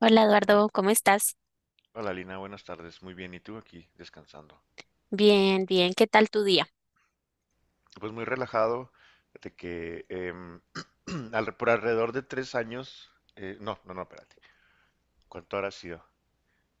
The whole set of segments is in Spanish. Hola Hola. Eduardo, ¿cómo estás? Hola Lina, buenas tardes. Muy bien, ¿y tú aquí descansando? Bien, bien, ¿qué tal tu día? Pues muy relajado, de que por alrededor de 3 años. No, no, no, espérate, ¿cuánto habrá sido?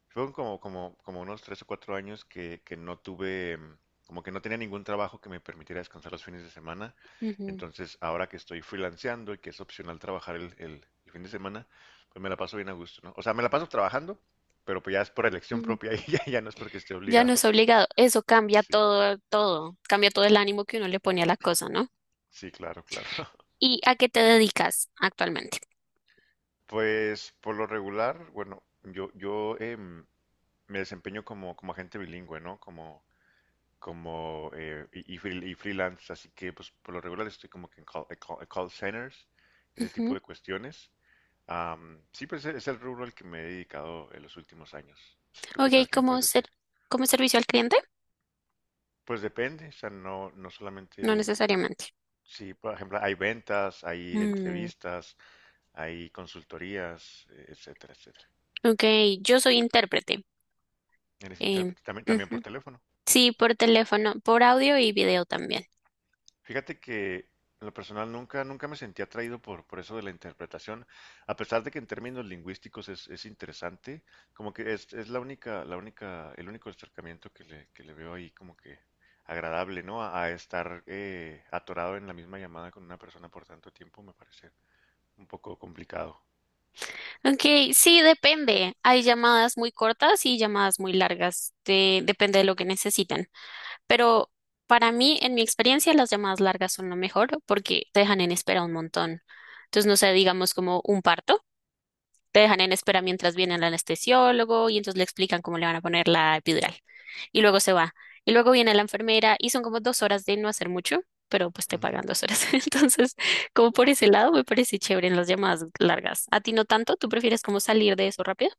Fueron como, como, como unos 3 o 4 años que no tuve, como que no tenía ningún trabajo que me permitiera descansar los fines de semana. Ujú, Entonces, ahora que estoy freelanceando y que es opcional trabajar el fin de semana, pues me la paso bien a gusto, ¿no? O sea, me la paso trabajando, pero pues ya es por elección ujú. propia y ya no es porque esté Ya no obligado. es obligado, eso cambia Sí. todo, todo, cambia todo el ánimo que uno le pone a la cosa, ¿no? Sí, claro, claro. ¿Y a qué te dedicas actualmente? Pues por lo regular, bueno, yo me desempeño como agente bilingüe, ¿no? Como freelance, así que pues por lo regular estoy como que en call centers, ese tipo Ujú. de cuestiones. Sí, pues es el rubro al que me he dedicado en los últimos años. ¿Tú qué Ok, tal? ¿Qué me ¿como puedes ser, decir? como servicio al cliente? Pues depende, o sea, no No solamente, necesariamente. sí, por ejemplo, hay ventas, hay Mm, entrevistas, hay consultorías, etcétera, etcétera. ok, yo soy intérprete. Eres em, intérprete, también, también Ujú. por teléfono. Sí, por teléfono, por audio y video también. Fíjate que en lo personal nunca, nunca me sentí atraído por eso de la interpretación, a pesar de que en términos lingüísticos es interesante, como que es la única, el único acercamiento que le veo ahí como que agradable, ¿no? A estar atorado en la misma llamada con una persona por tanto tiempo me parece un poco complicado. Ok, sí, depende. Hay llamadas muy cortas y llamadas muy largas. Depende de lo que necesitan. Pero para mí, en mi experiencia, las llamadas largas son lo mejor porque te dejan en espera un montón. Entonces, no sé, digamos como un parto, te dejan en espera mientras viene el anestesiólogo y entonces le explican cómo le van a poner la epidural. Y luego se va. Y luego viene la enfermera y son como dos horas de no hacer mucho, pero pues te Ujú. pagan 2 horas. Entonces, como por ese lado, me parece chévere en las llamadas largas. ¿A ti no tanto? ¿Tú prefieres como salir de eso rápido?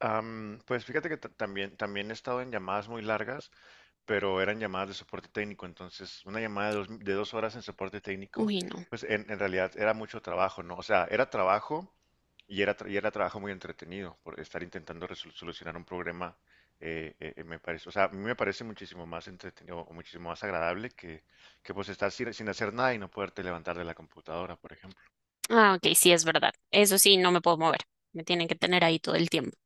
Pues fíjate que también, también he estado en llamadas muy largas, pero eran llamadas de soporte técnico, entonces una llamada de dos, de 2 horas en soporte técnico, Uy, no. pues en realidad era mucho trabajo, ¿no? O sea, era trabajo y y era trabajo muy entretenido por estar intentando solucionar un problema, me parece, o sea, a mí me parece muchísimo más entretenido o muchísimo más agradable que pues estar sin hacer nada y no poderte levantar de la computadora, por ejemplo. Ah, ok, sí, es verdad. Eso sí, no me puedo mover. Me tienen que tener ahí todo el tiempo.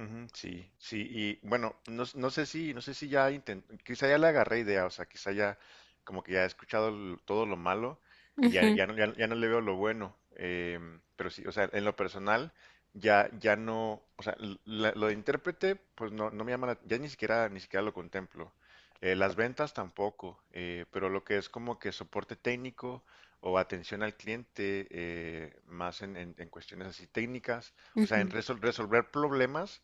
Ujú, sí, sí, y bueno, no, no sé si ya intenté, quizá ya le agarré idea, o sea, quizá ya como que ya he escuchado todo lo malo y ya, Ujú. ya no, ya, ya no le veo lo bueno, pero sí, o sea, en lo personal ya no, o sea, lo de intérprete, pues no me llama, ya ni siquiera, ni siquiera lo contemplo. Las ventas tampoco, pero lo que es como que soporte técnico o atención al cliente, más en cuestiones así técnicas, o sea, en Ujú. Resolver problemas,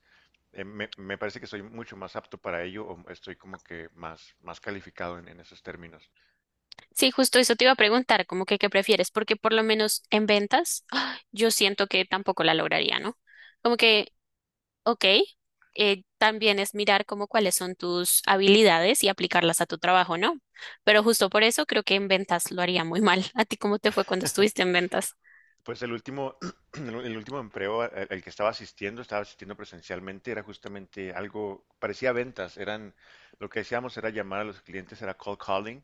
me parece que soy mucho más apto para ello o estoy como que más, más calificado en esos términos. Sí, justo eso te iba a preguntar, como que qué prefieres, porque por lo menos en ventas, ¡ah!, yo siento que tampoco la lograría, ¿no? Como que, ok, también es mirar como cuáles son tus habilidades y aplicarlas a tu trabajo, ¿no? Pero justo por eso creo que en ventas lo haría muy mal. ¿A ti cómo te fue cuando estuviste en ventas? Pues el último empleo al que estaba asistiendo presencialmente, era justamente algo, parecía ventas, lo que hacíamos era llamar a los clientes, era cold calling,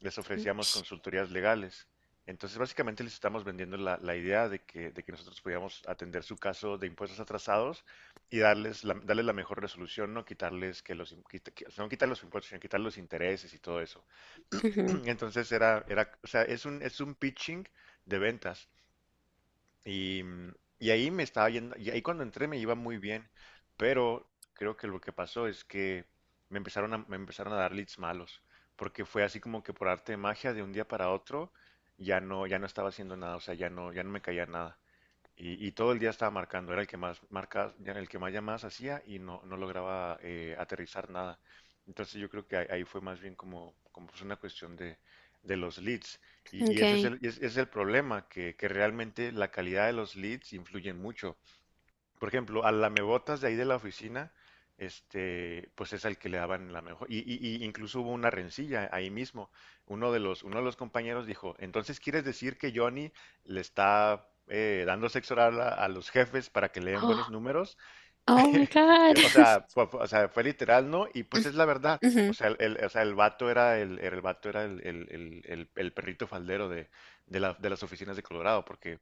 les ofrecíamos consultorías legales. Entonces, básicamente les estamos vendiendo la idea de que nosotros podíamos atender su caso de impuestos atrasados y darles la mejor resolución, no quitarles que no quitar los impuestos, sino quitar los intereses y todo eso. Ush, ujú. Entonces, o sea, es un pitching de ventas. Y, mm, y ahí me estaba yendo, y ahí cuando entré me iba muy bien, pero creo que lo que pasó es que me empezaron a dar leads malos, porque fue así como que por arte de magia de un día para otro ya no, ya no estaba haciendo nada, o sea, ya no me caía nada. Y todo el día estaba marcando, era el que más marcas, ya el que más llamadas hacía y no lograba aterrizar nada. Entonces, yo creo que ahí fue más bien como pues una cuestión de los leads. Y ese es Okay. El problema, que realmente la calidad de los leads influyen mucho. Por ejemplo, al lamebotas de ahí de la oficina, pues es al que le daban la mejor. Y incluso hubo una rencilla ahí mismo. Uno de los compañeros dijo, entonces quieres decir que Johnny le está dando sexo oral a los jefes para que le den buenos Oh, números. oh my God. O sea, o sea, fue literal, ¿no? Y pues es la verdad. O Ujú, sea, o sea, el vato era el perrito faldero de las oficinas de Colorado, porque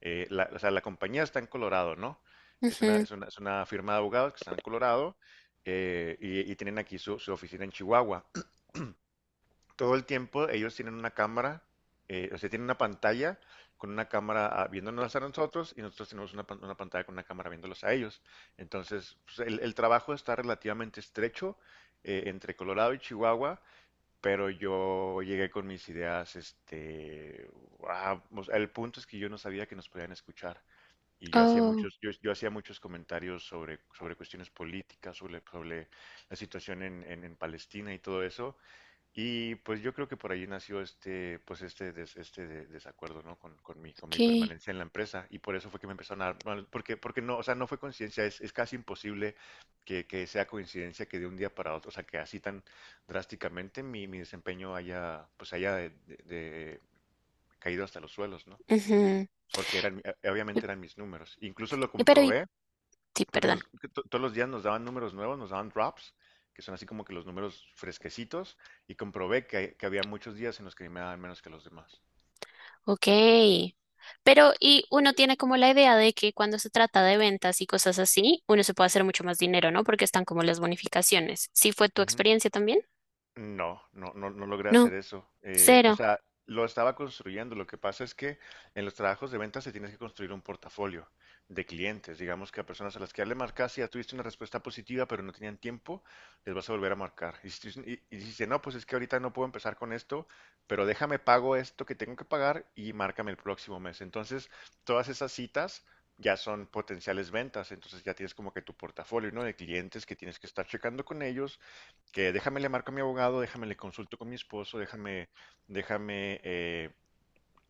o sea, la compañía está en Colorado, ¿no? Ujú. Es una firma de abogados que está en Colorado, y tienen aquí su oficina en Chihuahua. Todo el tiempo ellos tienen una cámara, o sea, tienen una pantalla con una cámara viéndonos a nosotros y nosotros tenemos una pantalla con una cámara viéndolos a ellos. Entonces, pues, el trabajo está relativamente estrecho entre Colorado y Chihuahua, pero yo llegué con mis ideas, o sea, el punto es que yo no sabía que nos podían escuchar. Y yo hacía Oh, muchos, yo, yo hacía muchos comentarios sobre cuestiones políticas, sobre la situación en Palestina y todo eso. Y pues yo creo que por ahí nació este desacuerdo, ¿no? Con mi okay. permanencia en la empresa. Y por eso fue que me empezaron a dar, porque no, o sea, no fue coincidencia, es casi imposible que sea coincidencia que de un día para otro, o sea, que así tan drásticamente mi desempeño haya, pues haya caído hasta los suelos, ¿no? Ujú. Porque eran, Y... obviamente eran mis números. Incluso lo Pero, y... comprobé sí, porque perdón. Todos los días nos daban números nuevos, nos daban drops, que son así como que los números fresquecitos, y comprobé que había muchos días en los que me daban menos que los demás. Ok. Pero, y uno tiene como la idea de que cuando se trata de ventas y cosas así, uno se puede hacer mucho más dinero, ¿no? Porque están como las bonificaciones. ¿Sí fue tu Ujú. experiencia también? No, no, no, no logré hacer No, eso. O cero. sea, lo estaba construyendo. Lo que pasa es que en los trabajos de ventas se tienes que construir un portafolio de clientes. Digamos que a personas a las que ya le marcas y ya tuviste una respuesta positiva, pero no tenían tiempo, les vas a volver a marcar. Y si, tú- y dices, no, pues es que ahorita no puedo empezar con esto, pero déjame pago esto que tengo que pagar y márcame el próximo mes. Entonces, todas esas citas ya son potenciales ventas. Entonces, ya tienes como que tu portafolio, ¿no? De clientes que tienes que estar checando con ellos, que déjame le marco a mi abogado, déjame le consulto con mi esposo, déjame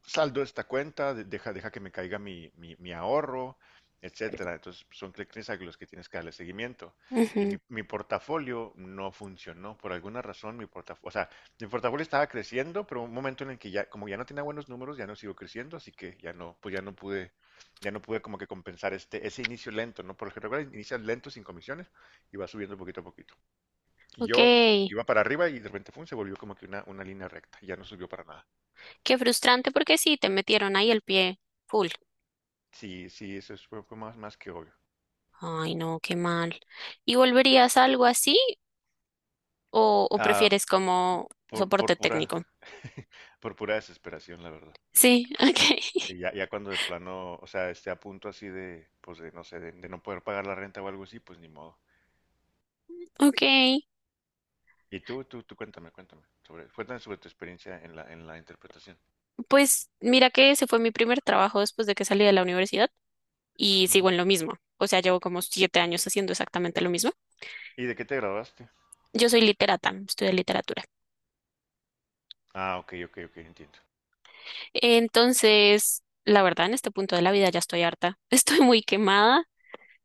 saldo esta cuenta, deja que me caiga mi ahorro, etcétera. Entonces, son clientes a los que tienes que darle seguimiento. Y Ujú. mi portafolio no funcionó. Por alguna razón, mi portafolio, o sea, mi portafolio estaba creciendo, pero un momento en el que ya, como ya no tenía buenos números, ya no siguió creciendo, así que ya no, pues ya no pude como que compensar ese inicio lento, ¿no? Por lo general, inicias lento sin comisiones y va subiendo poquito a poquito. Y Ok. yo Qué iba para arriba y de repente fue, se volvió como que una línea recta, ya no subió para nada. frustrante porque sí, te metieron ahí el pie full. Sí, sí, eso fue más, más que obvio. Ay, no, qué mal. ¿Y volverías a algo así o Ah, prefieres como por, soporte por pura, técnico? por pura desesperación, la verdad. Sí, Sí, ok. ya cuando de plano, o sea, esté a punto así de, pues de, no sé, de no poder pagar la renta o algo así, pues ni modo. Ok. Y tú cuéntame, cuéntame sobre tu experiencia en la interpretación. Pues mira que ese fue mi primer trabajo después de que salí de la universidad. Y sigo Ujú. en lo mismo. O sea, llevo como 7 años haciendo exactamente lo mismo. ¿Y de qué te graduaste? Yo soy literata, estudio literatura. Ah, ok, ok, ok, entiendo. Entonces, la verdad, en este punto de la vida ya estoy harta. Estoy muy quemada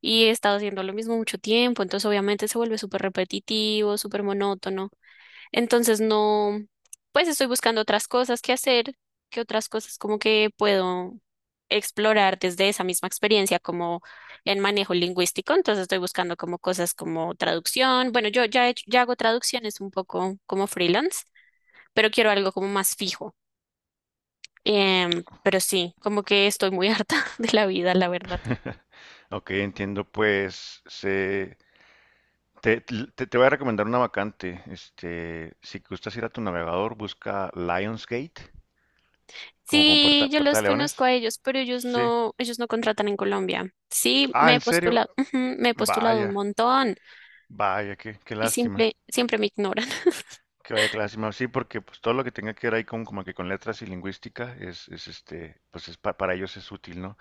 y he estado haciendo lo mismo mucho tiempo. Entonces, obviamente, se vuelve súper repetitivo, súper monótono. Entonces no, pues estoy buscando otras cosas que hacer, que otras cosas como que puedo explorar desde esa misma experiencia como en manejo lingüístico. Entonces estoy buscando como cosas como traducción. Bueno, yo ya, ya hago traducciones un poco como freelance, pero quiero algo como más fijo. Pero sí, como que estoy muy harta de la vida, la verdad. Ok, entiendo, pues te voy a recomendar una vacante. Si gustas ir a tu navegador, busca Lionsgate, como con puerta, Sí, yo puerta los de conozco leones. a ellos, pero Sí. Ellos no contratan en Colombia. Sí, Ah, me he ¿en serio? postulado, ujú, me he postulado un Vaya, montón. vaya, qué Y lástima. simple, siempre me ignoran. Que vaya, qué lástima. Sí, porque pues todo lo que tenga que ver ahí como que con letras y lingüística es pues es para ellos es útil, ¿no?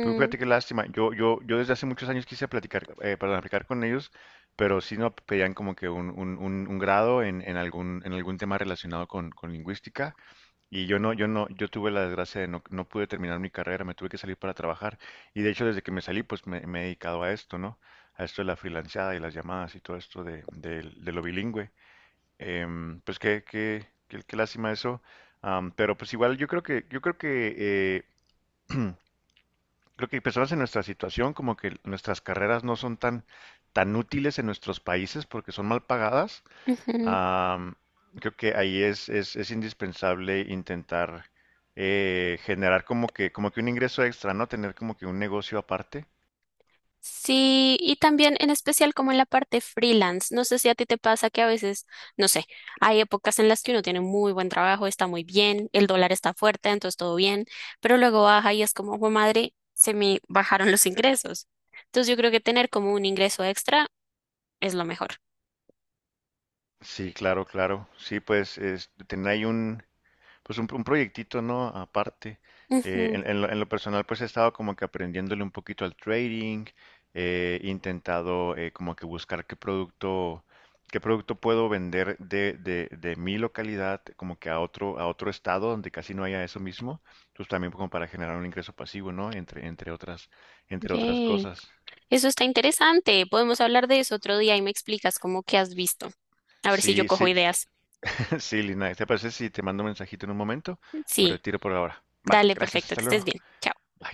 Pero fíjate qué lástima. Yo desde hace muchos años quise platicar, perdón, aplicar con ellos, pero sí no pedían como que un grado en algún tema relacionado con lingüística. Y yo no, yo no, yo tuve la desgracia de no pude terminar mi carrera, me tuve que salir para trabajar. Y de hecho, desde que me salí, pues me he dedicado a esto, ¿no? A esto de la freelanceada y las llamadas y todo esto de lo bilingüe. Pues qué lástima eso. Pero pues igual creo que personas en nuestra situación, como que nuestras carreras no son tan, tan útiles en nuestros países porque son mal pagadas. ujú. Am, Creo que ahí es indispensable intentar generar como que un ingreso extra, ¿no? Tener como que un negocio aparte. Sí, y también en especial como en la parte freelance. No sé si a ti te pasa que a veces, no sé, hay épocas en las que uno tiene muy buen trabajo, está muy bien, el dólar está fuerte, entonces todo bien, pero luego baja y es como, "Jue madre, se me bajaron los ingresos". Entonces yo creo que tener como un ingreso extra es lo mejor. Sí, claro, claro. Sí, pues tener ahí un, pues un proyectito, ¿no? Aparte, Ujú. en lo personal, pues he estado como que aprendiéndole un poquito al trading, he intentado como que buscar qué producto puedo vender de mi localidad como que a otro estado donde casi no haya eso mismo, pues también como para generar un ingreso pasivo, ¿no? Entre otras Yay. cosas. Eso está interesante. Podemos hablar de eso otro día y me explicas cómo que has visto. A ver si yo Sí, cojo sí, ideas. sí, Lina, ¿te parece si te mando un mensajito en un momento? Me Sí. retiro por ahora. Vale, Dale, gracias, perfecto, hasta que estés luego. bien. Chao. Bye.